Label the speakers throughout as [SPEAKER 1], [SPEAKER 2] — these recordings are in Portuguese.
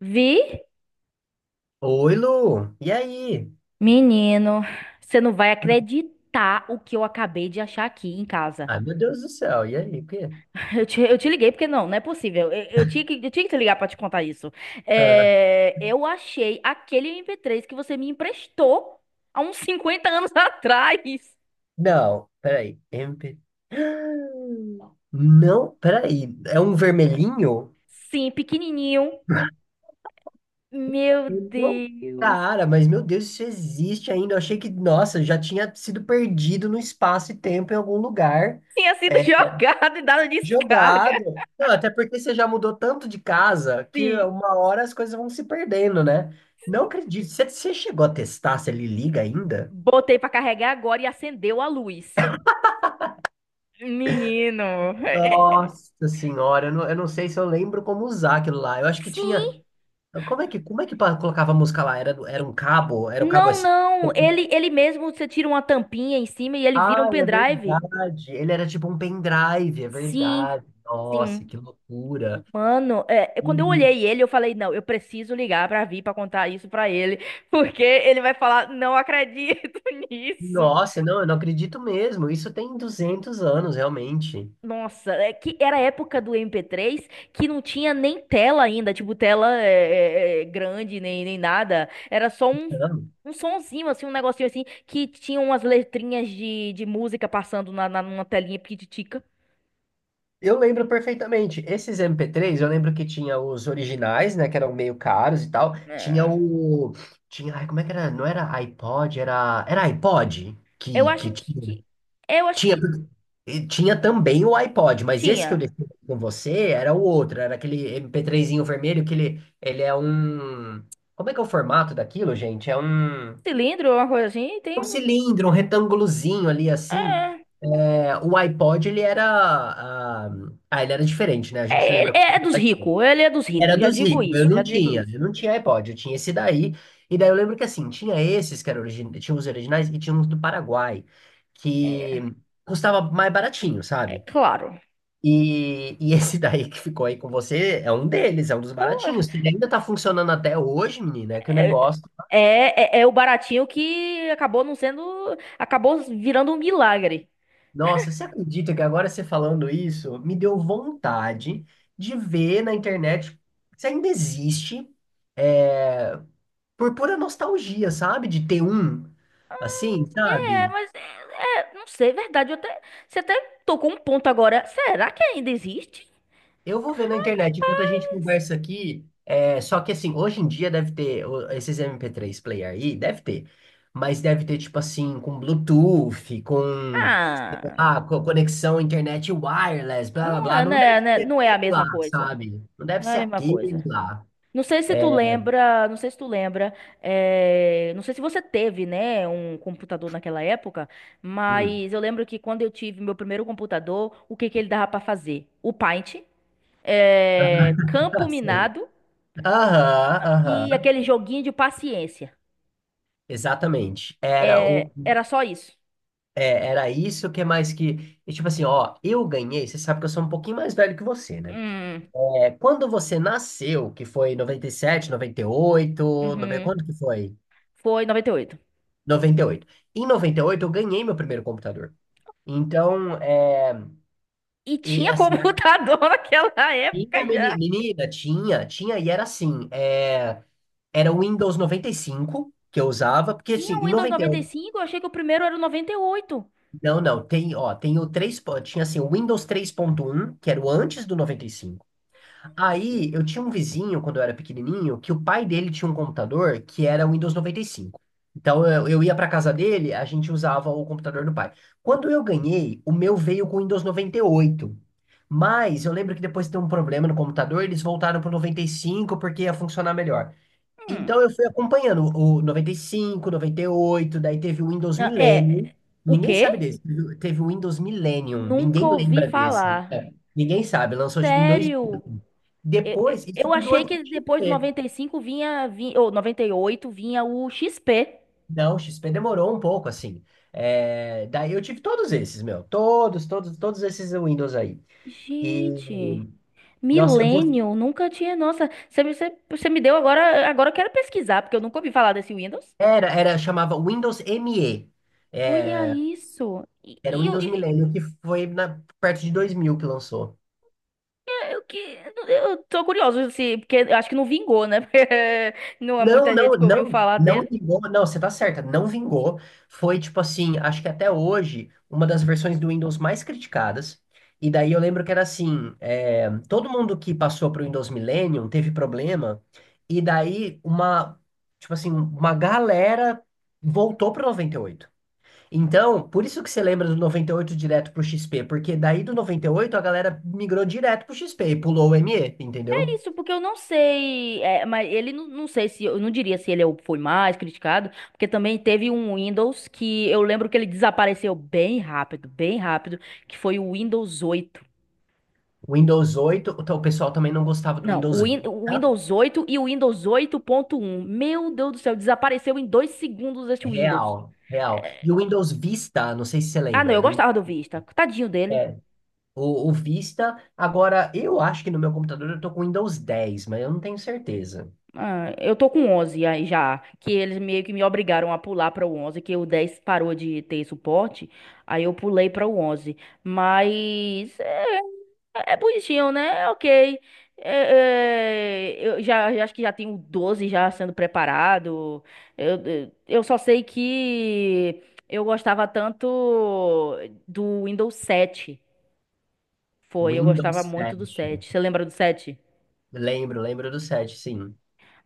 [SPEAKER 1] Vi?
[SPEAKER 2] Oi, Lu. E aí?
[SPEAKER 1] Menino, você não vai acreditar o que eu acabei de achar aqui em casa.
[SPEAKER 2] Ai, meu Deus do céu. E aí? O quê?
[SPEAKER 1] Eu te liguei porque não é possível. Eu tinha que te ligar pra te contar isso.
[SPEAKER 2] Ah,
[SPEAKER 1] É, eu achei aquele MP3 que você me emprestou há uns 50 anos atrás.
[SPEAKER 2] não, peraí. MP... Não, peraí. É um vermelhinho?
[SPEAKER 1] Sim, pequenininho. Meu
[SPEAKER 2] Eu Não,
[SPEAKER 1] Deus.
[SPEAKER 2] cara, mas meu Deus, isso existe ainda. Eu achei que, nossa, já tinha sido perdido no espaço e tempo em algum lugar.
[SPEAKER 1] Tinha sido
[SPEAKER 2] É,
[SPEAKER 1] jogado e dado descarga.
[SPEAKER 2] jogado. Não, até porque você já mudou tanto de casa que
[SPEAKER 1] Sim.
[SPEAKER 2] uma hora as coisas vão se perdendo, né? Não acredito. Você chegou a testar se ele liga ainda?
[SPEAKER 1] Botei pra carregar agora e acendeu a luz. Menino. é- é-
[SPEAKER 2] Nossa senhora, eu não sei se eu lembro como usar aquilo lá. Eu acho que tinha.
[SPEAKER 1] Sim.
[SPEAKER 2] Como é que colocava a música lá? Era um cabo? Era o cabo
[SPEAKER 1] Não, não.
[SPEAKER 2] SP?
[SPEAKER 1] Ele mesmo, você tira uma tampinha em cima e ele vira um
[SPEAKER 2] Ah, é
[SPEAKER 1] pendrive.
[SPEAKER 2] verdade. Ele era tipo um pendrive, é
[SPEAKER 1] Sim,
[SPEAKER 2] verdade. Nossa,
[SPEAKER 1] sim.
[SPEAKER 2] que loucura.
[SPEAKER 1] Mano, quando eu
[SPEAKER 2] E,
[SPEAKER 1] olhei ele, eu falei, não, eu preciso ligar pra vir pra contar isso pra ele, porque ele vai falar, não acredito nisso.
[SPEAKER 2] Nossa, não, eu não acredito mesmo. Isso tem 200 anos, realmente.
[SPEAKER 1] Nossa, é que era a época do MP3, que não tinha nem tela ainda, tipo, tela grande, nem nada. Era só um sonzinho, assim, um negocinho assim, que tinha umas letrinhas de música passando numa telinha pititica.
[SPEAKER 2] Eu lembro perfeitamente. Esses MP3. Eu lembro que tinha os originais, né, que eram meio caros e tal.
[SPEAKER 1] É.
[SPEAKER 2] Tinha, ai, como é que era? Não era iPod, era iPod
[SPEAKER 1] Eu
[SPEAKER 2] que
[SPEAKER 1] acho
[SPEAKER 2] que
[SPEAKER 1] que,
[SPEAKER 2] tinha.
[SPEAKER 1] que- eu acho
[SPEAKER 2] Tinha,
[SPEAKER 1] que
[SPEAKER 2] e tinha também o iPod, mas esse que eu
[SPEAKER 1] tinha
[SPEAKER 2] deixei com você era o outro, era aquele MP3zinho vermelho que ele é um. Como é que é o formato daquilo, gente? É um
[SPEAKER 1] cilindro, uma coisa assim, tem um,
[SPEAKER 2] cilindro, um retângulozinho ali assim.
[SPEAKER 1] é,
[SPEAKER 2] É, o iPod ele era diferente, né? A gente
[SPEAKER 1] ele
[SPEAKER 2] lembra como
[SPEAKER 1] é
[SPEAKER 2] era
[SPEAKER 1] é
[SPEAKER 2] o
[SPEAKER 1] dos
[SPEAKER 2] iPod.
[SPEAKER 1] ricos, ele é dos
[SPEAKER 2] Era
[SPEAKER 1] ricos, já
[SPEAKER 2] dos
[SPEAKER 1] digo
[SPEAKER 2] ricos, eu
[SPEAKER 1] isso, já
[SPEAKER 2] não
[SPEAKER 1] digo
[SPEAKER 2] tinha,
[SPEAKER 1] isso.
[SPEAKER 2] eu não tinha iPod, eu tinha esse daí. E daí eu lembro que assim, tinha esses que eram origin... tinha os originais e tinha uns do Paraguai, que
[SPEAKER 1] É,
[SPEAKER 2] custava mais baratinho,
[SPEAKER 1] é
[SPEAKER 2] sabe?
[SPEAKER 1] claro.
[SPEAKER 2] E, esse daí que ficou aí com você é um deles, é um dos
[SPEAKER 1] Claro.
[SPEAKER 2] baratinhos. Se Ele ainda tá funcionando até hoje, menina, é que o
[SPEAKER 1] É,
[SPEAKER 2] negócio.
[SPEAKER 1] é o baratinho que acabou não sendo, acabou virando um milagre.
[SPEAKER 2] Nossa, você acredita que agora você falando isso me deu vontade de ver na internet se ainda existe, por pura nostalgia, sabe? De ter um,
[SPEAKER 1] Ah,
[SPEAKER 2] assim,
[SPEAKER 1] é,
[SPEAKER 2] sabe?
[SPEAKER 1] mas é, não sei, é verdade, você até tocou um ponto agora. Será que ainda existe?
[SPEAKER 2] Eu vou ver na internet enquanto a gente conversa aqui. É, só que assim, hoje em dia deve ter esses MP3 player aí, deve ter. Mas deve ter, tipo assim, com Bluetooth, com,
[SPEAKER 1] Ah,
[SPEAKER 2] ah, com conexão internet wireless, blá blá
[SPEAKER 1] não
[SPEAKER 2] blá.
[SPEAKER 1] é,
[SPEAKER 2] Não deve ser
[SPEAKER 1] não é a
[SPEAKER 2] aquele lá,
[SPEAKER 1] mesma coisa.
[SPEAKER 2] sabe? Não deve
[SPEAKER 1] Não é a
[SPEAKER 2] ser
[SPEAKER 1] mesma
[SPEAKER 2] aquele
[SPEAKER 1] coisa.
[SPEAKER 2] lá.
[SPEAKER 1] Não sei se tu lembra, não sei se você teve, né, um computador naquela época,
[SPEAKER 2] Hum.
[SPEAKER 1] mas eu lembro que quando eu tive meu primeiro computador, o que que ele dava pra fazer? O Paint, campo
[SPEAKER 2] Ah, sei.
[SPEAKER 1] minado,
[SPEAKER 2] Aham,
[SPEAKER 1] e
[SPEAKER 2] aham.
[SPEAKER 1] aquele joguinho de paciência.
[SPEAKER 2] Exatamente. Era
[SPEAKER 1] Eh,
[SPEAKER 2] o,
[SPEAKER 1] era só isso.
[SPEAKER 2] é, era isso que é mais que. E tipo assim, ó, eu ganhei. Você sabe que eu sou um pouquinho mais velho que você, né?
[SPEAKER 1] Hum,
[SPEAKER 2] É, quando você nasceu, que foi noventa noventa e sete noventa e oito 90,
[SPEAKER 1] uhum.
[SPEAKER 2] quando que foi?
[SPEAKER 1] Foi 98.
[SPEAKER 2] Noventa e oito. Em 98 eu ganhei meu primeiro computador. Então,
[SPEAKER 1] E oito. E
[SPEAKER 2] e,
[SPEAKER 1] tinha
[SPEAKER 2] assim,
[SPEAKER 1] computador naquela
[SPEAKER 2] tinha
[SPEAKER 1] época já.
[SPEAKER 2] menina, tinha, e era assim, era o Windows 95 que eu usava, porque assim,
[SPEAKER 1] Tinha o
[SPEAKER 2] em
[SPEAKER 1] Windows
[SPEAKER 2] noventa.
[SPEAKER 1] 95, eu achei que o primeiro era o 98.
[SPEAKER 2] Não, não, tem, ó, tem o 3. Tinha assim, o Windows 3.1, que era o antes do 95. Aí, eu tinha um vizinho, quando eu era pequenininho, que o pai dele tinha um computador que era o Windows 95. Então, eu ia pra casa dele, a gente usava o computador do pai. Quando eu ganhei, o meu veio com o Windows 98. Mas eu lembro que depois de ter um problema no computador, eles voltaram pro 95 porque ia funcionar melhor.
[SPEAKER 1] Hum.
[SPEAKER 2] Então eu fui acompanhando o noventa noventa e cinco noventa e oito daí teve o Windows
[SPEAKER 1] Não,
[SPEAKER 2] Millennium.
[SPEAKER 1] é, o
[SPEAKER 2] Ninguém sabe
[SPEAKER 1] quê?
[SPEAKER 2] desse. Teve o Windows Millennium,
[SPEAKER 1] Nunca
[SPEAKER 2] ninguém
[SPEAKER 1] ouvi
[SPEAKER 2] lembra desse.
[SPEAKER 1] falar.
[SPEAKER 2] É, ninguém sabe, lançou tipo em
[SPEAKER 1] Sério?
[SPEAKER 2] 2000.
[SPEAKER 1] Eu,
[SPEAKER 2] Depois, isso
[SPEAKER 1] eu
[SPEAKER 2] tudo
[SPEAKER 1] achei
[SPEAKER 2] antes do
[SPEAKER 1] que depois do
[SPEAKER 2] XP.
[SPEAKER 1] 95 vinha, ou 98 vinha o XP.
[SPEAKER 2] Não, o XP demorou um pouco, assim. É, daí eu tive todos esses, meu. Todos, todos, todos esses Windows aí. E,
[SPEAKER 1] Gente,
[SPEAKER 2] Nossa,
[SPEAKER 1] Millennium, nunca tinha. Nossa, você me deu agora. Agora eu quero pesquisar, porque eu nunca ouvi falar desse Windows.
[SPEAKER 2] era, chamava Windows ME.
[SPEAKER 1] Olha isso. E,
[SPEAKER 2] Era o
[SPEAKER 1] e
[SPEAKER 2] Windows Millennium, que foi perto de 2000 que lançou.
[SPEAKER 1] eu, que, eu tô curioso, se, porque eu acho que não vingou, né? Porque não é
[SPEAKER 2] Não,
[SPEAKER 1] muita gente
[SPEAKER 2] não,
[SPEAKER 1] que ouviu
[SPEAKER 2] não,
[SPEAKER 1] falar.
[SPEAKER 2] não vingou, não, você tá certa, não vingou. Foi tipo assim, acho que até hoje, uma das versões do Windows mais criticadas. E daí eu lembro que era assim, todo mundo que passou pro Windows Millennium teve problema, e daí uma, tipo assim, uma galera voltou pro 98. Então, por isso que você lembra do 98 direto pro XP, porque daí do 98 a galera migrou direto pro XP e pulou o ME,
[SPEAKER 1] É
[SPEAKER 2] entendeu?
[SPEAKER 1] isso, porque eu não sei, mas ele não, não sei se, eu não diria se foi mais criticado, porque também teve um Windows que eu lembro que ele desapareceu bem rápido, que foi o Windows 8.
[SPEAKER 2] O Windows 8, o pessoal também não gostava do
[SPEAKER 1] Não,
[SPEAKER 2] Windows
[SPEAKER 1] o
[SPEAKER 2] Vista.
[SPEAKER 1] Windows 8 e o Windows 8.1. Meu Deus do céu, desapareceu em dois segundos esse Windows.
[SPEAKER 2] Real, real. E o Windows Vista, não sei se você
[SPEAKER 1] Ah, não,
[SPEAKER 2] lembra,
[SPEAKER 1] eu gostava do Vista. Tadinho dele.
[SPEAKER 2] é, o Vista, agora eu acho que no meu computador eu tô com Windows 10, mas eu não tenho certeza.
[SPEAKER 1] Ah, eu tô com 11 aí já, que eles meio que me obrigaram a pular para o 11, que o 10 parou de ter suporte, aí eu pulei para o 11. Mas é bonitinho, né? É ok. É, eu já acho que já tenho o 12 já sendo preparado. Eu só sei que eu gostava tanto do Windows sete. Foi, eu gostava
[SPEAKER 2] Windows
[SPEAKER 1] muito do sete.
[SPEAKER 2] 7.
[SPEAKER 1] Você lembra do sete?
[SPEAKER 2] Lembro, lembro do 7, sim.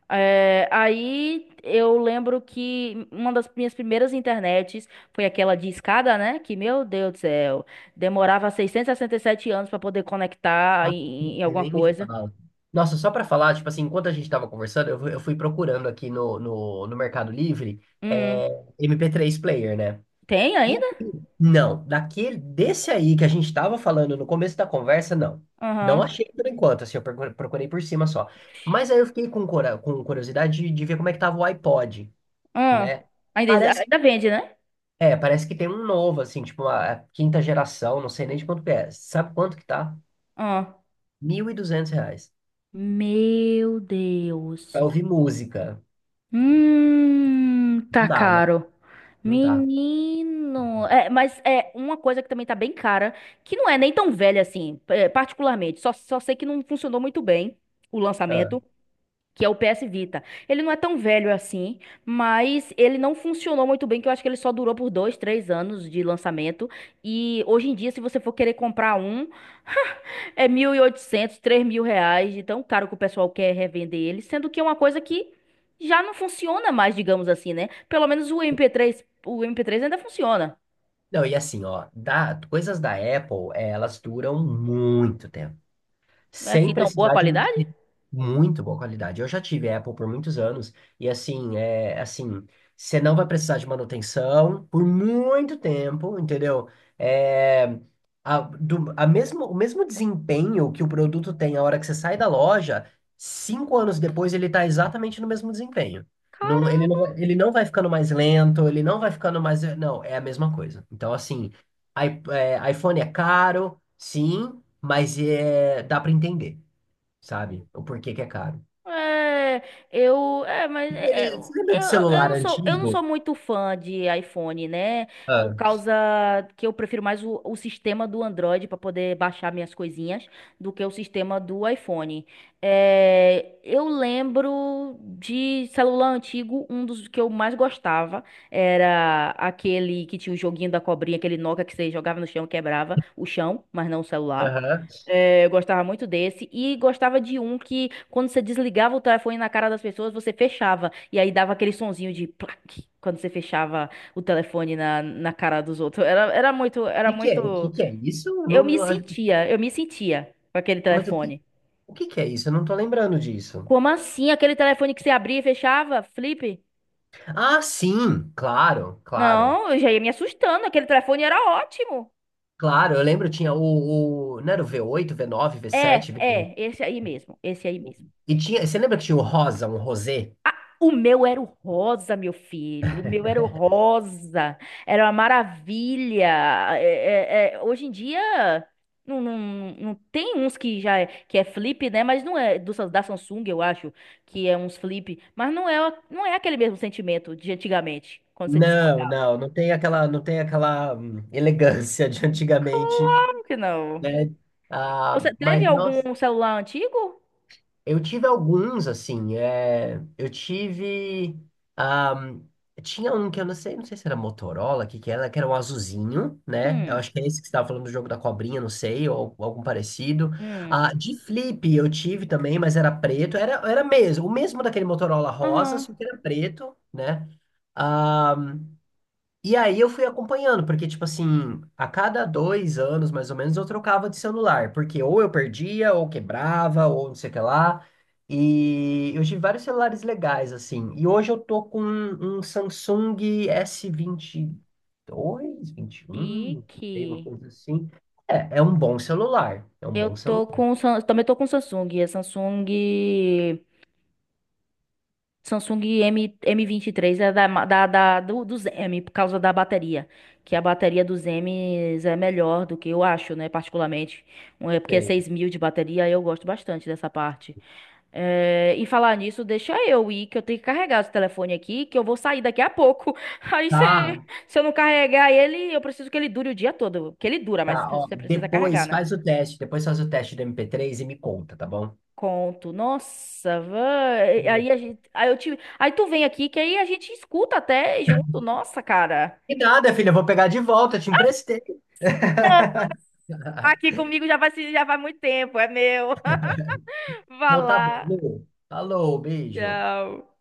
[SPEAKER 1] É, aí eu lembro que uma das minhas primeiras internets foi aquela de escada, né? Que, meu Deus do céu, demorava 667 anos pra poder conectar
[SPEAKER 2] Ah,
[SPEAKER 1] em alguma
[SPEAKER 2] nem me
[SPEAKER 1] coisa.
[SPEAKER 2] fala. Nossa, só para falar, tipo assim, enquanto a gente tava conversando, eu fui procurando aqui no Mercado Livre,
[SPEAKER 1] Hum,
[SPEAKER 2] é, MP3 player, né?
[SPEAKER 1] tem
[SPEAKER 2] E
[SPEAKER 1] ainda?
[SPEAKER 2] aí, não, daquele, desse aí que a gente estava falando no começo da conversa, não. Não
[SPEAKER 1] Aham.
[SPEAKER 2] achei por enquanto, assim, eu procurei por cima só. Mas aí eu fiquei com curiosidade de ver como é que tava o iPod,
[SPEAKER 1] Hum,
[SPEAKER 2] né?
[SPEAKER 1] ainda,
[SPEAKER 2] Parece,
[SPEAKER 1] ainda vende, né?
[SPEAKER 2] parece que tem um novo, assim, tipo uma a quinta geração, não sei nem de quanto que é. Sabe quanto que tá?
[SPEAKER 1] Hum.
[SPEAKER 2] R$ 1.200.
[SPEAKER 1] Meu Deus.
[SPEAKER 2] Pra ouvir música. Não
[SPEAKER 1] Tá
[SPEAKER 2] dá, né?
[SPEAKER 1] caro.
[SPEAKER 2] Não dá.
[SPEAKER 1] Menino, é, mas é uma coisa que também tá bem cara, que não é nem tão velha assim, particularmente. Só sei que não funcionou muito bem o
[SPEAKER 2] Ah.
[SPEAKER 1] lançamento, que é o PS Vita. Ele não é tão velho assim, mas ele não funcionou muito bem, que eu acho que ele só durou por dois, três anos de lançamento. E hoje em dia, se você for querer comprar um, é 1.800, R$ 3.000, de tão caro que o pessoal quer revender ele, sendo que é uma coisa que já não funciona mais, digamos assim, né? Pelo menos o mp três ainda funciona.
[SPEAKER 2] Não, e assim, ó, coisas da Apple, elas duram muito tempo.
[SPEAKER 1] Não é
[SPEAKER 2] Sem
[SPEAKER 1] assim tão boa
[SPEAKER 2] precisar de
[SPEAKER 1] qualidade?
[SPEAKER 2] muito boa qualidade. Eu já tive Apple por muitos anos e assim, é assim, você não vai precisar de manutenção por muito tempo, entendeu? É, a, do, a mesmo, o mesmo desempenho que o produto tem a hora que você sai da loja, 5 anos depois ele está exatamente no mesmo desempenho. Não, ele não vai ficando mais lento, ele não vai ficando mais. Não, é a mesma coisa. Então, assim, é, iPhone é caro, sim, mas é, dá para entender, sabe? O porquê que é caro.
[SPEAKER 1] É, mas
[SPEAKER 2] Você lembra
[SPEAKER 1] eu,
[SPEAKER 2] de celular
[SPEAKER 1] eu não
[SPEAKER 2] antigo?
[SPEAKER 1] sou muito fã de iPhone, né? Por
[SPEAKER 2] Ah,
[SPEAKER 1] causa que eu prefiro mais o sistema do Android para poder baixar minhas coisinhas do que o sistema do iPhone. É, eu lembro de celular antigo. Um dos que eu mais gostava era aquele que tinha o joguinho da cobrinha, aquele Nokia que você jogava no chão e quebrava o chão, mas não o celular.
[SPEAKER 2] aham.
[SPEAKER 1] É, eu gostava muito desse, e gostava de um que, quando você desligava o telefone na cara das pessoas, você fechava e aí dava aquele sonzinho de plaque quando você fechava o telefone na cara dos outros. Era muito, era
[SPEAKER 2] O que
[SPEAKER 1] muito.
[SPEAKER 2] que é isso? Eu
[SPEAKER 1] Eu
[SPEAKER 2] Não,
[SPEAKER 1] me
[SPEAKER 2] não, acho-
[SPEAKER 1] sentia, eu me sentia com aquele
[SPEAKER 2] Mas
[SPEAKER 1] telefone.
[SPEAKER 2] o que que é isso? Eu não tô lembrando disso.
[SPEAKER 1] Como assim? Aquele telefone que você abria e fechava? Flip?
[SPEAKER 2] Ah, sim, claro, claro.
[SPEAKER 1] Não, eu já ia me assustando. Aquele telefone era ótimo.
[SPEAKER 2] Claro, eu lembro, não era o V8, V9, v sete V...
[SPEAKER 1] Esse aí mesmo, esse aí mesmo.
[SPEAKER 2] E tinha, você lembra que tinha o rosa, um rosé?
[SPEAKER 1] O meu era o rosa, meu filho. O meu era o rosa. Era uma maravilha. Hoje em dia não, não, não tem uns que que é flip, né? Mas não é da Samsung, eu acho, que é uns flip. Mas não é aquele mesmo sentimento de antigamente. Quando você dizia,
[SPEAKER 2] Não, não, não tem aquela elegância de antigamente,
[SPEAKER 1] claro que não.
[SPEAKER 2] né? Ah,
[SPEAKER 1] Você teve
[SPEAKER 2] mas nossa.
[SPEAKER 1] algum celular antigo?
[SPEAKER 2] Eu tive alguns, assim, ahm, tinha um que eu não sei se era Motorola, que era um azulzinho, né? Eu
[SPEAKER 1] Hum,
[SPEAKER 2] acho que é esse que você estava falando do jogo da cobrinha, não sei, ou algum parecido.
[SPEAKER 1] hum.
[SPEAKER 2] Ah, de flip eu tive também, mas era preto, era mesmo, o mesmo daquele Motorola rosa,
[SPEAKER 1] Aham.
[SPEAKER 2] só que era preto, né? Ah, e aí eu fui acompanhando, porque, tipo assim, a cada 2 anos, mais ou menos, eu trocava de celular, porque ou eu perdia, ou quebrava, ou não sei o que lá. E eu tive vários celulares legais, assim. E hoje eu tô com um Samsung S22, vinte e dois vinte e um
[SPEAKER 1] Chique.
[SPEAKER 2] sei, uma coisa assim. É, é um bom celular. É um
[SPEAKER 1] Eu
[SPEAKER 2] bom
[SPEAKER 1] tô
[SPEAKER 2] celular.
[SPEAKER 1] com. Também tô com Samsung. É Samsung. Samsung M, M23, é da, ma- da, da, do, do M, por causa da bateria. Que a bateria dos M's é melhor, do que eu acho, né? Particularmente. É porque é
[SPEAKER 2] Sei.
[SPEAKER 1] 6.000 de bateria, eu gosto bastante dessa parte. É, e falar nisso, deixa eu ir, que eu tenho que carregar esse telefone aqui, que eu vou sair daqui a pouco. Aí
[SPEAKER 2] Tá,
[SPEAKER 1] se eu não carregar ele, eu preciso que ele dure o dia todo. Que ele dura, mas
[SPEAKER 2] tá, ó.
[SPEAKER 1] você precisa carregar,
[SPEAKER 2] Depois
[SPEAKER 1] né?
[SPEAKER 2] faz o teste, depois faz o teste do MP3 e me conta, tá bom?
[SPEAKER 1] Conto, nossa, vai. Aí tu vem aqui que aí a gente escuta até junto, nossa, cara.
[SPEAKER 2] E nada, filha, eu vou pegar de volta, eu te emprestei.
[SPEAKER 1] Não, aqui comigo já vai se já vai muito tempo, é meu. Vá
[SPEAKER 2] Então tá bom,
[SPEAKER 1] lá.
[SPEAKER 2] Lu. Falou, beijo.
[SPEAKER 1] Tchau.